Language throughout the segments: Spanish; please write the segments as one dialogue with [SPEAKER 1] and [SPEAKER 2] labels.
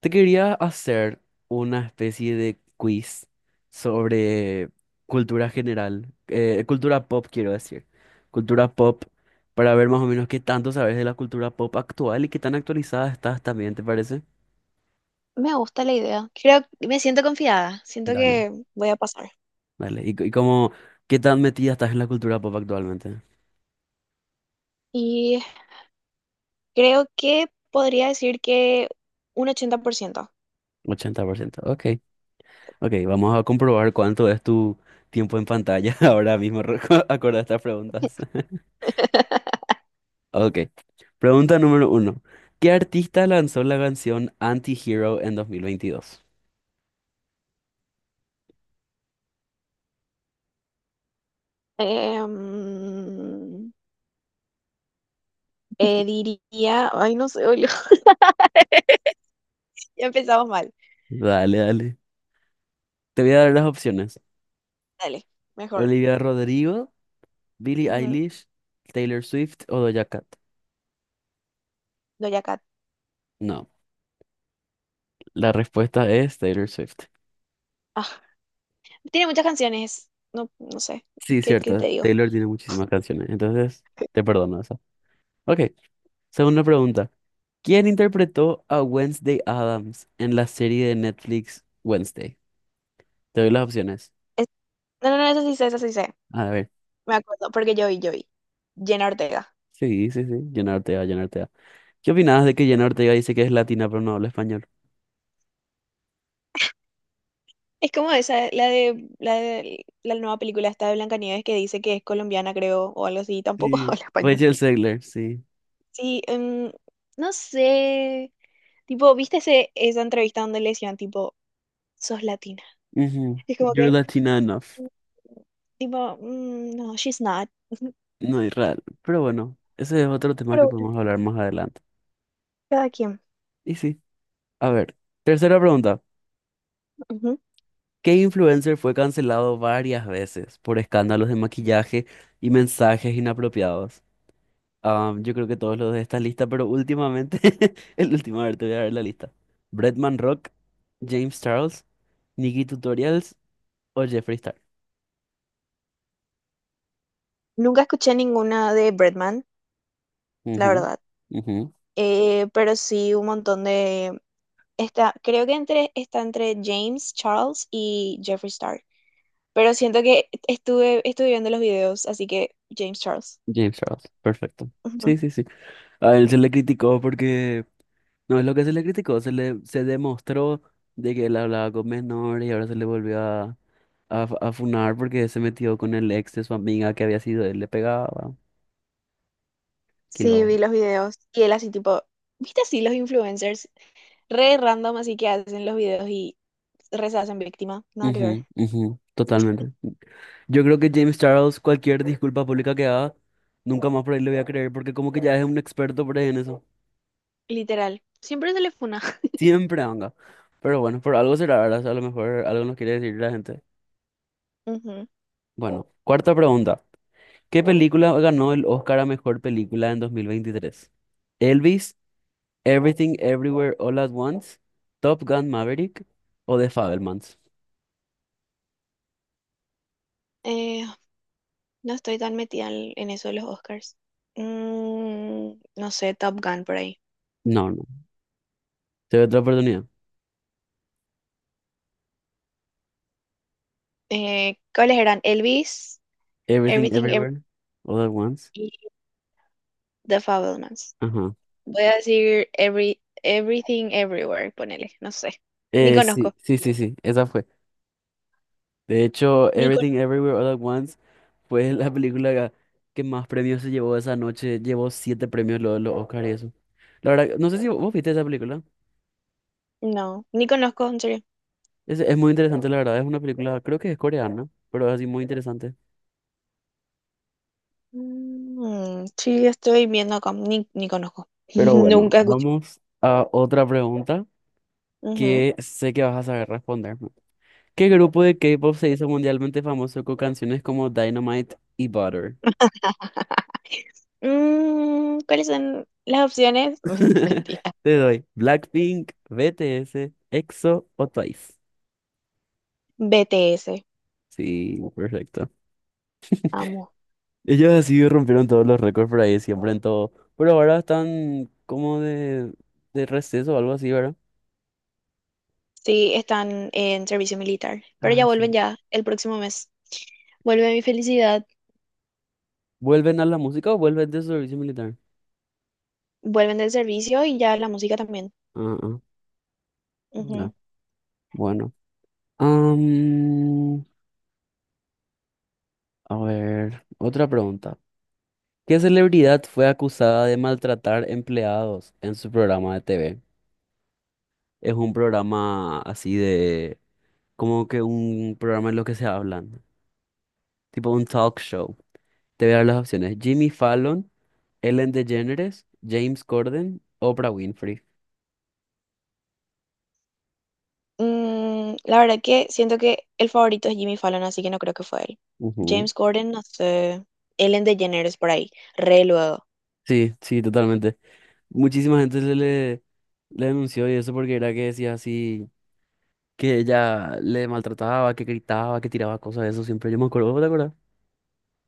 [SPEAKER 1] Te quería hacer una especie de quiz sobre cultura general, cultura pop quiero decir, cultura pop, para ver más o menos qué tanto sabes de la cultura pop actual y qué tan actualizada estás también, ¿te parece?
[SPEAKER 2] Me gusta la idea. Me siento confiada. Siento
[SPEAKER 1] Dale.
[SPEAKER 2] que voy a pasar.
[SPEAKER 1] Dale, y, c- y cómo ¿Qué tan metida estás en la cultura pop actualmente?
[SPEAKER 2] Y creo que podría decir que un 80%.
[SPEAKER 1] 80%. Ok. Ok, vamos a comprobar cuánto es tu tiempo en pantalla ahora mismo, acorde a estas preguntas. Ok. Pregunta número uno. ¿Qué artista lanzó la canción Anti-Hero en 2022?
[SPEAKER 2] Em, diría, ay, no sé, boludo, ya empezamos mal.
[SPEAKER 1] Dale, dale. Te voy a dar las opciones.
[SPEAKER 2] Dale, mejor.
[SPEAKER 1] Olivia Rodrigo, Billie
[SPEAKER 2] Ujú,
[SPEAKER 1] Eilish, Taylor Swift o Doja Cat.
[SPEAKER 2] Doja Cat.
[SPEAKER 1] No, la respuesta es Taylor Swift.
[SPEAKER 2] Ah, tiene muchas canciones. No, no sé.
[SPEAKER 1] Sí,
[SPEAKER 2] ¿Qué
[SPEAKER 1] cierto.
[SPEAKER 2] te digo?
[SPEAKER 1] Taylor tiene muchísimas canciones, entonces te perdono eso. Ok, segunda pregunta. ¿Quién interpretó a Wednesday Adams en la serie de Netflix Wednesday? Te doy las opciones.
[SPEAKER 2] Es- no, no, no, esa sí sé, esa sí sé.
[SPEAKER 1] A ver.
[SPEAKER 2] Me acuerdo, porque yo vi. Jenna Ortega.
[SPEAKER 1] Sí, sí, sí. Llenarte A, llenarte ¿Qué opinabas de que Jenna Ortega dice que es latina pero no habla español?
[SPEAKER 2] Es como esa, la nueva película esta de Blancanieves que dice que es colombiana, creo, o algo así, tampoco
[SPEAKER 1] Sí,
[SPEAKER 2] habla español.
[SPEAKER 1] Rachel Zegler, sí.
[SPEAKER 2] Sí, no sé, tipo, ¿ esa entrevista donde le decían, tipo, ¿sos latina?
[SPEAKER 1] Ujú.
[SPEAKER 2] Y es como
[SPEAKER 1] You're
[SPEAKER 2] que,
[SPEAKER 1] Latina enough.
[SPEAKER 2] mm, tipo, "Mm, no, she's not."
[SPEAKER 1] No es real. Pero bueno, ese es otro tema que
[SPEAKER 2] Pero bueno,
[SPEAKER 1] podemos hablar más adelante.
[SPEAKER 2] cada quien.
[SPEAKER 1] Y sí. A ver, tercera pregunta.
[SPEAKER 2] Ujú.
[SPEAKER 1] ¿Qué influencer fue cancelado varias veces por escándalos de maquillaje y mensajes inapropiados? Ah, yo creo que todos los de esta lista, pero últimamente, el último, a ver, te voy a dar la lista. Bretman Rock, James Charles, Nikki Tutorials o Jeffree Star.
[SPEAKER 2] Nunca escuché ninguna de Bretman, la
[SPEAKER 1] Ujú,
[SPEAKER 2] verdad.
[SPEAKER 1] ujú.
[SPEAKER 2] Pero sí un montón de... Está, está entre James Charles y Jeffree Star. Pero siento que estuve viendo los videos, así que James Charles.
[SPEAKER 1] James Charles, perfecto.
[SPEAKER 2] Ujú.
[SPEAKER 1] Sí, sí, sí. A él se le criticó porque, no es lo que se le criticó, se le se demostró de que él hablaba con menores y ahora se le volvió a, funar porque se metió con el ex de su amiga que había sido, él le pegaba.
[SPEAKER 2] Sí,
[SPEAKER 1] Quilombo.
[SPEAKER 2] vi los videos. Y él así tipo, ¿viste así los influencers? Re random así que hacen los videos y re se hacen víctima. Nada que ver.
[SPEAKER 1] Ujú, ujú, totalmente. Yo creo que James Charles, cualquier disculpa pública que haga, nunca más por ahí le voy a creer porque como que ya es un experto por ahí en eso.
[SPEAKER 2] Literal. Siempre se le funa.
[SPEAKER 1] Siempre anga. Pero bueno, por algo será, ¿verdad? O sea, a lo mejor algo nos quiere decir la gente.
[SPEAKER 2] Ujú.
[SPEAKER 1] Bueno, cuarta pregunta. ¿Qué película ganó el Oscar a mejor película en 2023? Elvis, Everything Everywhere All at Once, Top Gun Maverick o The Fabelmans.
[SPEAKER 2] Eh, no estoy tan metida en eso de los Oscars. Mm, no sé, Top Gun por ahí.
[SPEAKER 1] No, no. Te doy otra oportunidad.
[SPEAKER 2] ¿Cuáles eran? Elvis,
[SPEAKER 1] Everything
[SPEAKER 2] Everything,
[SPEAKER 1] Everywhere All at Once.
[SPEAKER 2] Everything, The Fabelmans.
[SPEAKER 1] Ajá.
[SPEAKER 2] Voy a decir everything everywhere, ponele, no sé. Ni conozco,
[SPEAKER 1] Sí, sí, sí, sí. Esa fue. De hecho,
[SPEAKER 2] ni
[SPEAKER 1] Everything
[SPEAKER 2] conozco.
[SPEAKER 1] Everywhere All at Once fue la que más premios se llevó esa noche. Llevó siete premios los Oscar y eso. La verdad, no sé si vos viste esa película.
[SPEAKER 2] No, ni conozco, en serio.
[SPEAKER 1] Es muy interesante, la verdad. Es una película, creo que es coreana, pero es así muy interesante.
[SPEAKER 2] Mm, sí, estoy viendo acá, ni conozco.
[SPEAKER 1] Pero bueno,
[SPEAKER 2] Nunca escuché.
[SPEAKER 1] vamos a otra pregunta
[SPEAKER 2] Ujú.
[SPEAKER 1] que sé que vas a saber responderme. ¿Qué grupo de K-pop se hizo mundialmente famoso con canciones como Dynamite y Butter?
[SPEAKER 2] Mm, ¿cuáles son las opciones? Mentira.
[SPEAKER 1] Te doy Blackpink, BTS, EXO o Twice.
[SPEAKER 2] BTS,
[SPEAKER 1] Sí, perfecto.
[SPEAKER 2] amo.
[SPEAKER 1] Ellos así rompieron todos los récords por ahí, siempre en todo. Pero ahora están como de receso o algo así, ¿verdad?
[SPEAKER 2] Sí, están en servicio militar, pero ya
[SPEAKER 1] Ah, sí.
[SPEAKER 2] vuelven ya el próximo mes. Vuelve mi felicidad,
[SPEAKER 1] ¿Vuelven a la música o vuelven de servicio militar?
[SPEAKER 2] vuelven del servicio y ya la música también.
[SPEAKER 1] Ah, ah, ya, bueno. Am, a ver, otra pregunta. ¿Qué celebridad fue acusada de maltratar empleados en su programa de TV? Es un programa así de, como que un programa en lo que se hablan. Tipo un talk show. Te voy a dar las opciones. Jimmy Fallon, Ellen DeGeneres, James Corden, Oprah Winfrey.
[SPEAKER 2] Mm, la verdad que siento que el favorito es Jimmy Fallon, así que no creo que fue él.
[SPEAKER 1] Ujú.
[SPEAKER 2] James Corden, no sé. Ellen DeGeneres por ahí, re luego.
[SPEAKER 1] Sí, sí, totalmente. Muchísima gente le denunció y eso porque era que decía así, que ella le maltrataba, que gritaba, que tiraba cosas de eso siempre. Yo me acuerdo, ¿vos ¿te acuerdas?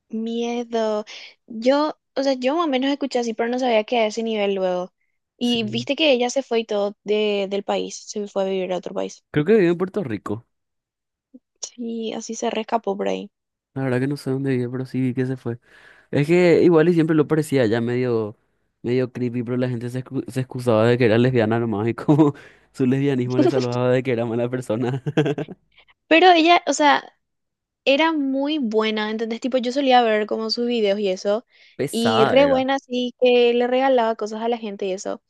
[SPEAKER 2] Miedo. Yo, o sea, yo más o menos escuché así, pero no sabía que a ese nivel luego. Y
[SPEAKER 1] Sí.
[SPEAKER 2] viste que ella se fue y todo del país, se fue a vivir a otro país.
[SPEAKER 1] Creo que vivió en Puerto Rico.
[SPEAKER 2] Sí, así se rescapó por ahí.
[SPEAKER 1] La verdad que no sé dónde vive, pero sí vi que se fue. Es que igual y siempre lo parecía ya medio, medio creepy, pero la gente se excusaba de que era lesbiana nomás y como su lesbianismo le salvaba de que era mala persona.
[SPEAKER 2] Pero ella, o sea, era muy buena, ¿entendés? Tipo, yo solía ver como sus videos y eso, y
[SPEAKER 1] Pesada
[SPEAKER 2] re
[SPEAKER 1] era.
[SPEAKER 2] buena, así que le regalaba cosas a la gente y eso,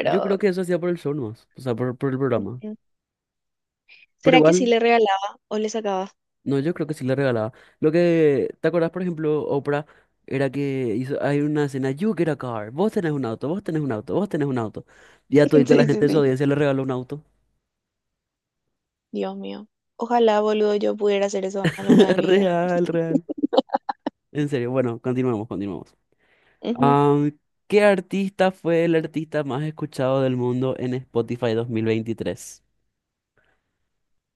[SPEAKER 1] Yo creo que eso hacía por el show nomás, o sea, por el programa.
[SPEAKER 2] ujú.
[SPEAKER 1] Pero
[SPEAKER 2] ¿Será que sí
[SPEAKER 1] igual.
[SPEAKER 2] le regalaba o le sacaba?
[SPEAKER 1] No, yo creo que sí le regalaba. Lo que, ¿te acordás, por ejemplo, Oprah era que hizo, hay una escena, You get a car, vos tenés un auto, vos tenés un auto, vos tenés un auto. Y a todita la
[SPEAKER 2] Sí, sí,
[SPEAKER 1] gente de su
[SPEAKER 2] sí.
[SPEAKER 1] audiencia le regaló un auto.
[SPEAKER 2] Dios mío. Ojalá, boludo, yo pudiera hacer eso alguna vez en mi vida.
[SPEAKER 1] Real, real. En serio, bueno, continuemos, continuemos.
[SPEAKER 2] Ujú.
[SPEAKER 1] Am, ¿Qué artista fue el artista más escuchado del mundo en Spotify 2023?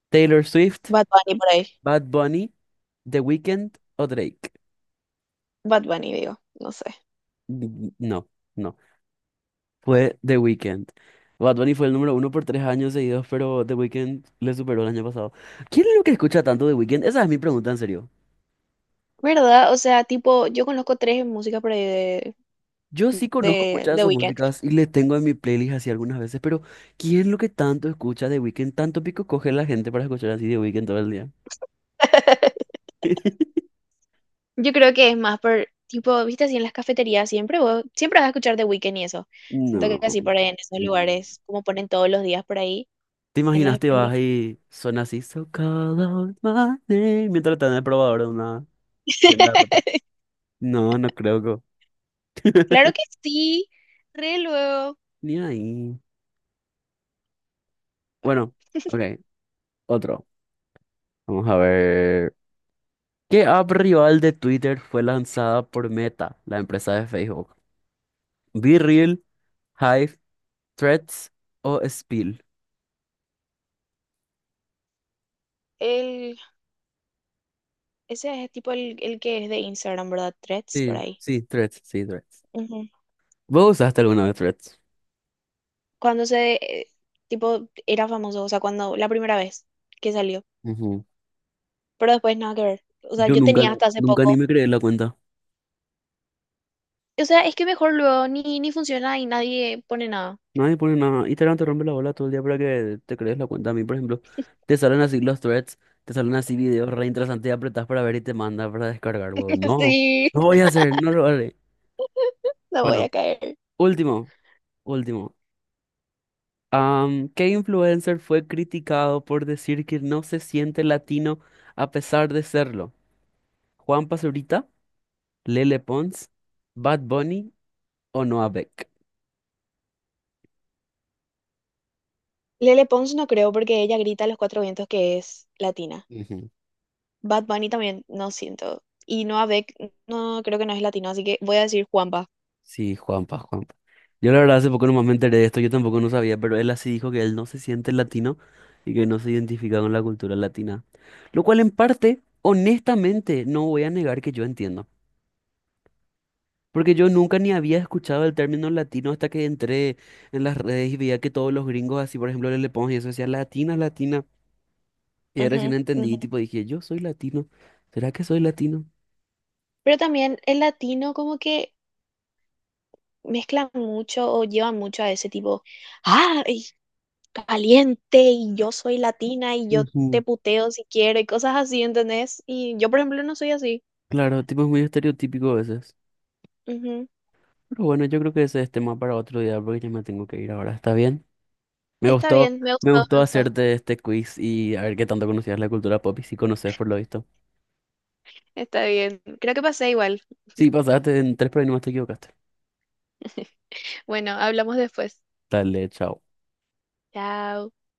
[SPEAKER 1] ¿Taylor Swift,
[SPEAKER 2] Bad Bunny por ahí.
[SPEAKER 1] Bad Bunny, The Weeknd o Drake?
[SPEAKER 2] Bad Bunny, digo. No sé.
[SPEAKER 1] No, no fue The Weeknd. Bad Bunny fue el número uno por 3 años seguidos, pero The Weeknd le superó el año pasado. ¿Quién es lo que escucha tanto The Weeknd? Esa es mi pregunta, en serio.
[SPEAKER 2] ¿Verdad? O sea, tipo, yo conozco tres músicas por ahí
[SPEAKER 1] Yo sí conozco muchas
[SPEAKER 2] de
[SPEAKER 1] de sus
[SPEAKER 2] Weeknd.
[SPEAKER 1] músicas y le tengo en mi playlist así algunas veces, pero ¿quién es lo que tanto escucha The Weeknd? Tanto pico coge la gente para escuchar así The Weeknd todo el día.
[SPEAKER 2] Yo creo que es más por, tipo, viste así en las cafeterías siempre, vos siempre vas a escuchar The Weeknd y eso. Siento que
[SPEAKER 1] No.
[SPEAKER 2] así por ahí en esos
[SPEAKER 1] Mm.
[SPEAKER 2] lugares, como ponen todos los días por ahí.
[SPEAKER 1] ¿Te imaginas te
[SPEAKER 2] En las-
[SPEAKER 1] vas y suena así, so call out my name, mientras estás en el probador de una tienda de ropa? No, no creo que.
[SPEAKER 2] Claro que sí, re luego.
[SPEAKER 1] Ni ahí.
[SPEAKER 2] Bueno.
[SPEAKER 1] Bueno, ok, otro. Vamos a ver. ¿Qué app rival de Twitter fue lanzada por Meta, la empresa de Facebook? ¿BeReal, Hive, Threads o Spill?
[SPEAKER 2] el Ese es tipo el que es de Instagram, ¿verdad? Threads, por
[SPEAKER 1] Sí,
[SPEAKER 2] ahí.
[SPEAKER 1] sí, Threads, sí, Threads.
[SPEAKER 2] Ujú.
[SPEAKER 1] ¿Vos usaste alguna vez Threads?
[SPEAKER 2] Cuando se, eh, tipo, era famoso, o sea, cuando, la primera vez que salió.
[SPEAKER 1] Ujú.
[SPEAKER 2] Pero después nada que ver. O sea,
[SPEAKER 1] Yo
[SPEAKER 2] yo
[SPEAKER 1] nunca,
[SPEAKER 2] tenía hasta hace
[SPEAKER 1] nunca ni
[SPEAKER 2] poco.
[SPEAKER 1] me creé la cuenta.
[SPEAKER 2] O sea, es que mejor luego ni funciona y nadie pone nada.
[SPEAKER 1] Nadie pone nada. Instagram te rompe la bola todo el día para que te crees la cuenta. A mí, por ejemplo, te salen así los threads, te salen así videos re interesantes y apretás para ver y te manda para descargar, huevón. No,
[SPEAKER 2] Sí,
[SPEAKER 1] no voy a hacer, no lo haré.
[SPEAKER 2] no voy a
[SPEAKER 1] Bueno,
[SPEAKER 2] caer.
[SPEAKER 1] último. Último. ¿Qué influencer fue criticado por decir que no se siente latino a pesar de serlo? ¿Juan Pazurita, Lele Pons, Bad Bunny o Noah Beck?
[SPEAKER 2] Lele Pons no creo porque ella grita a los cuatro vientos que es latina.
[SPEAKER 1] Ujú.
[SPEAKER 2] Bad Bunny también, no siento. Y Noah Beck, no creo que no es latino, así que voy a decir Juanpa.
[SPEAKER 1] Sí, Juanpa, Juanpa. Yo la verdad hace poco nomás me enteré de esto, yo tampoco no sabía, pero él así dijo que él no se siente latino y que no se identifica con la cultura latina. Lo cual en parte, honestamente, no voy a negar que yo entiendo. Porque yo nunca ni había escuchado el término latino hasta que entré en las redes y veía que todos los gringos, así por ejemplo, le Pons y eso decía latina, latina. Y ahí recién
[SPEAKER 2] Ujú,
[SPEAKER 1] entendí,
[SPEAKER 2] ujú.
[SPEAKER 1] tipo, dije, yo soy latino. ¿Será que soy latino?
[SPEAKER 2] Pero también el latino como que mezclan mucho o llevan mucho a ese tipo, ah, ay, caliente y yo soy latina y yo te
[SPEAKER 1] Ujú.
[SPEAKER 2] puteo si quiero y cosas así, ¿entendés? Y yo, por ejemplo, no soy así.
[SPEAKER 1] Claro, tipo, es muy estereotípico a veces.
[SPEAKER 2] Ujú.
[SPEAKER 1] Pero bueno, yo creo que ese es tema para otro día porque ya me tengo que ir ahora. ¿Está bien? Me
[SPEAKER 2] Está
[SPEAKER 1] gustó,
[SPEAKER 2] bien, me ha
[SPEAKER 1] me
[SPEAKER 2] gustado,
[SPEAKER 1] gustó
[SPEAKER 2] me ha gustado.
[SPEAKER 1] hacerte este quiz y a ver qué tanto conocías la cultura pop y si conoces por lo visto.
[SPEAKER 2] Está bien, creo que pasé igual.
[SPEAKER 1] Sí, pasaste en tres, pero ahí nomás te equivocaste.
[SPEAKER 2] Bueno, hablamos después.
[SPEAKER 1] Dale, chao.
[SPEAKER 2] Chao.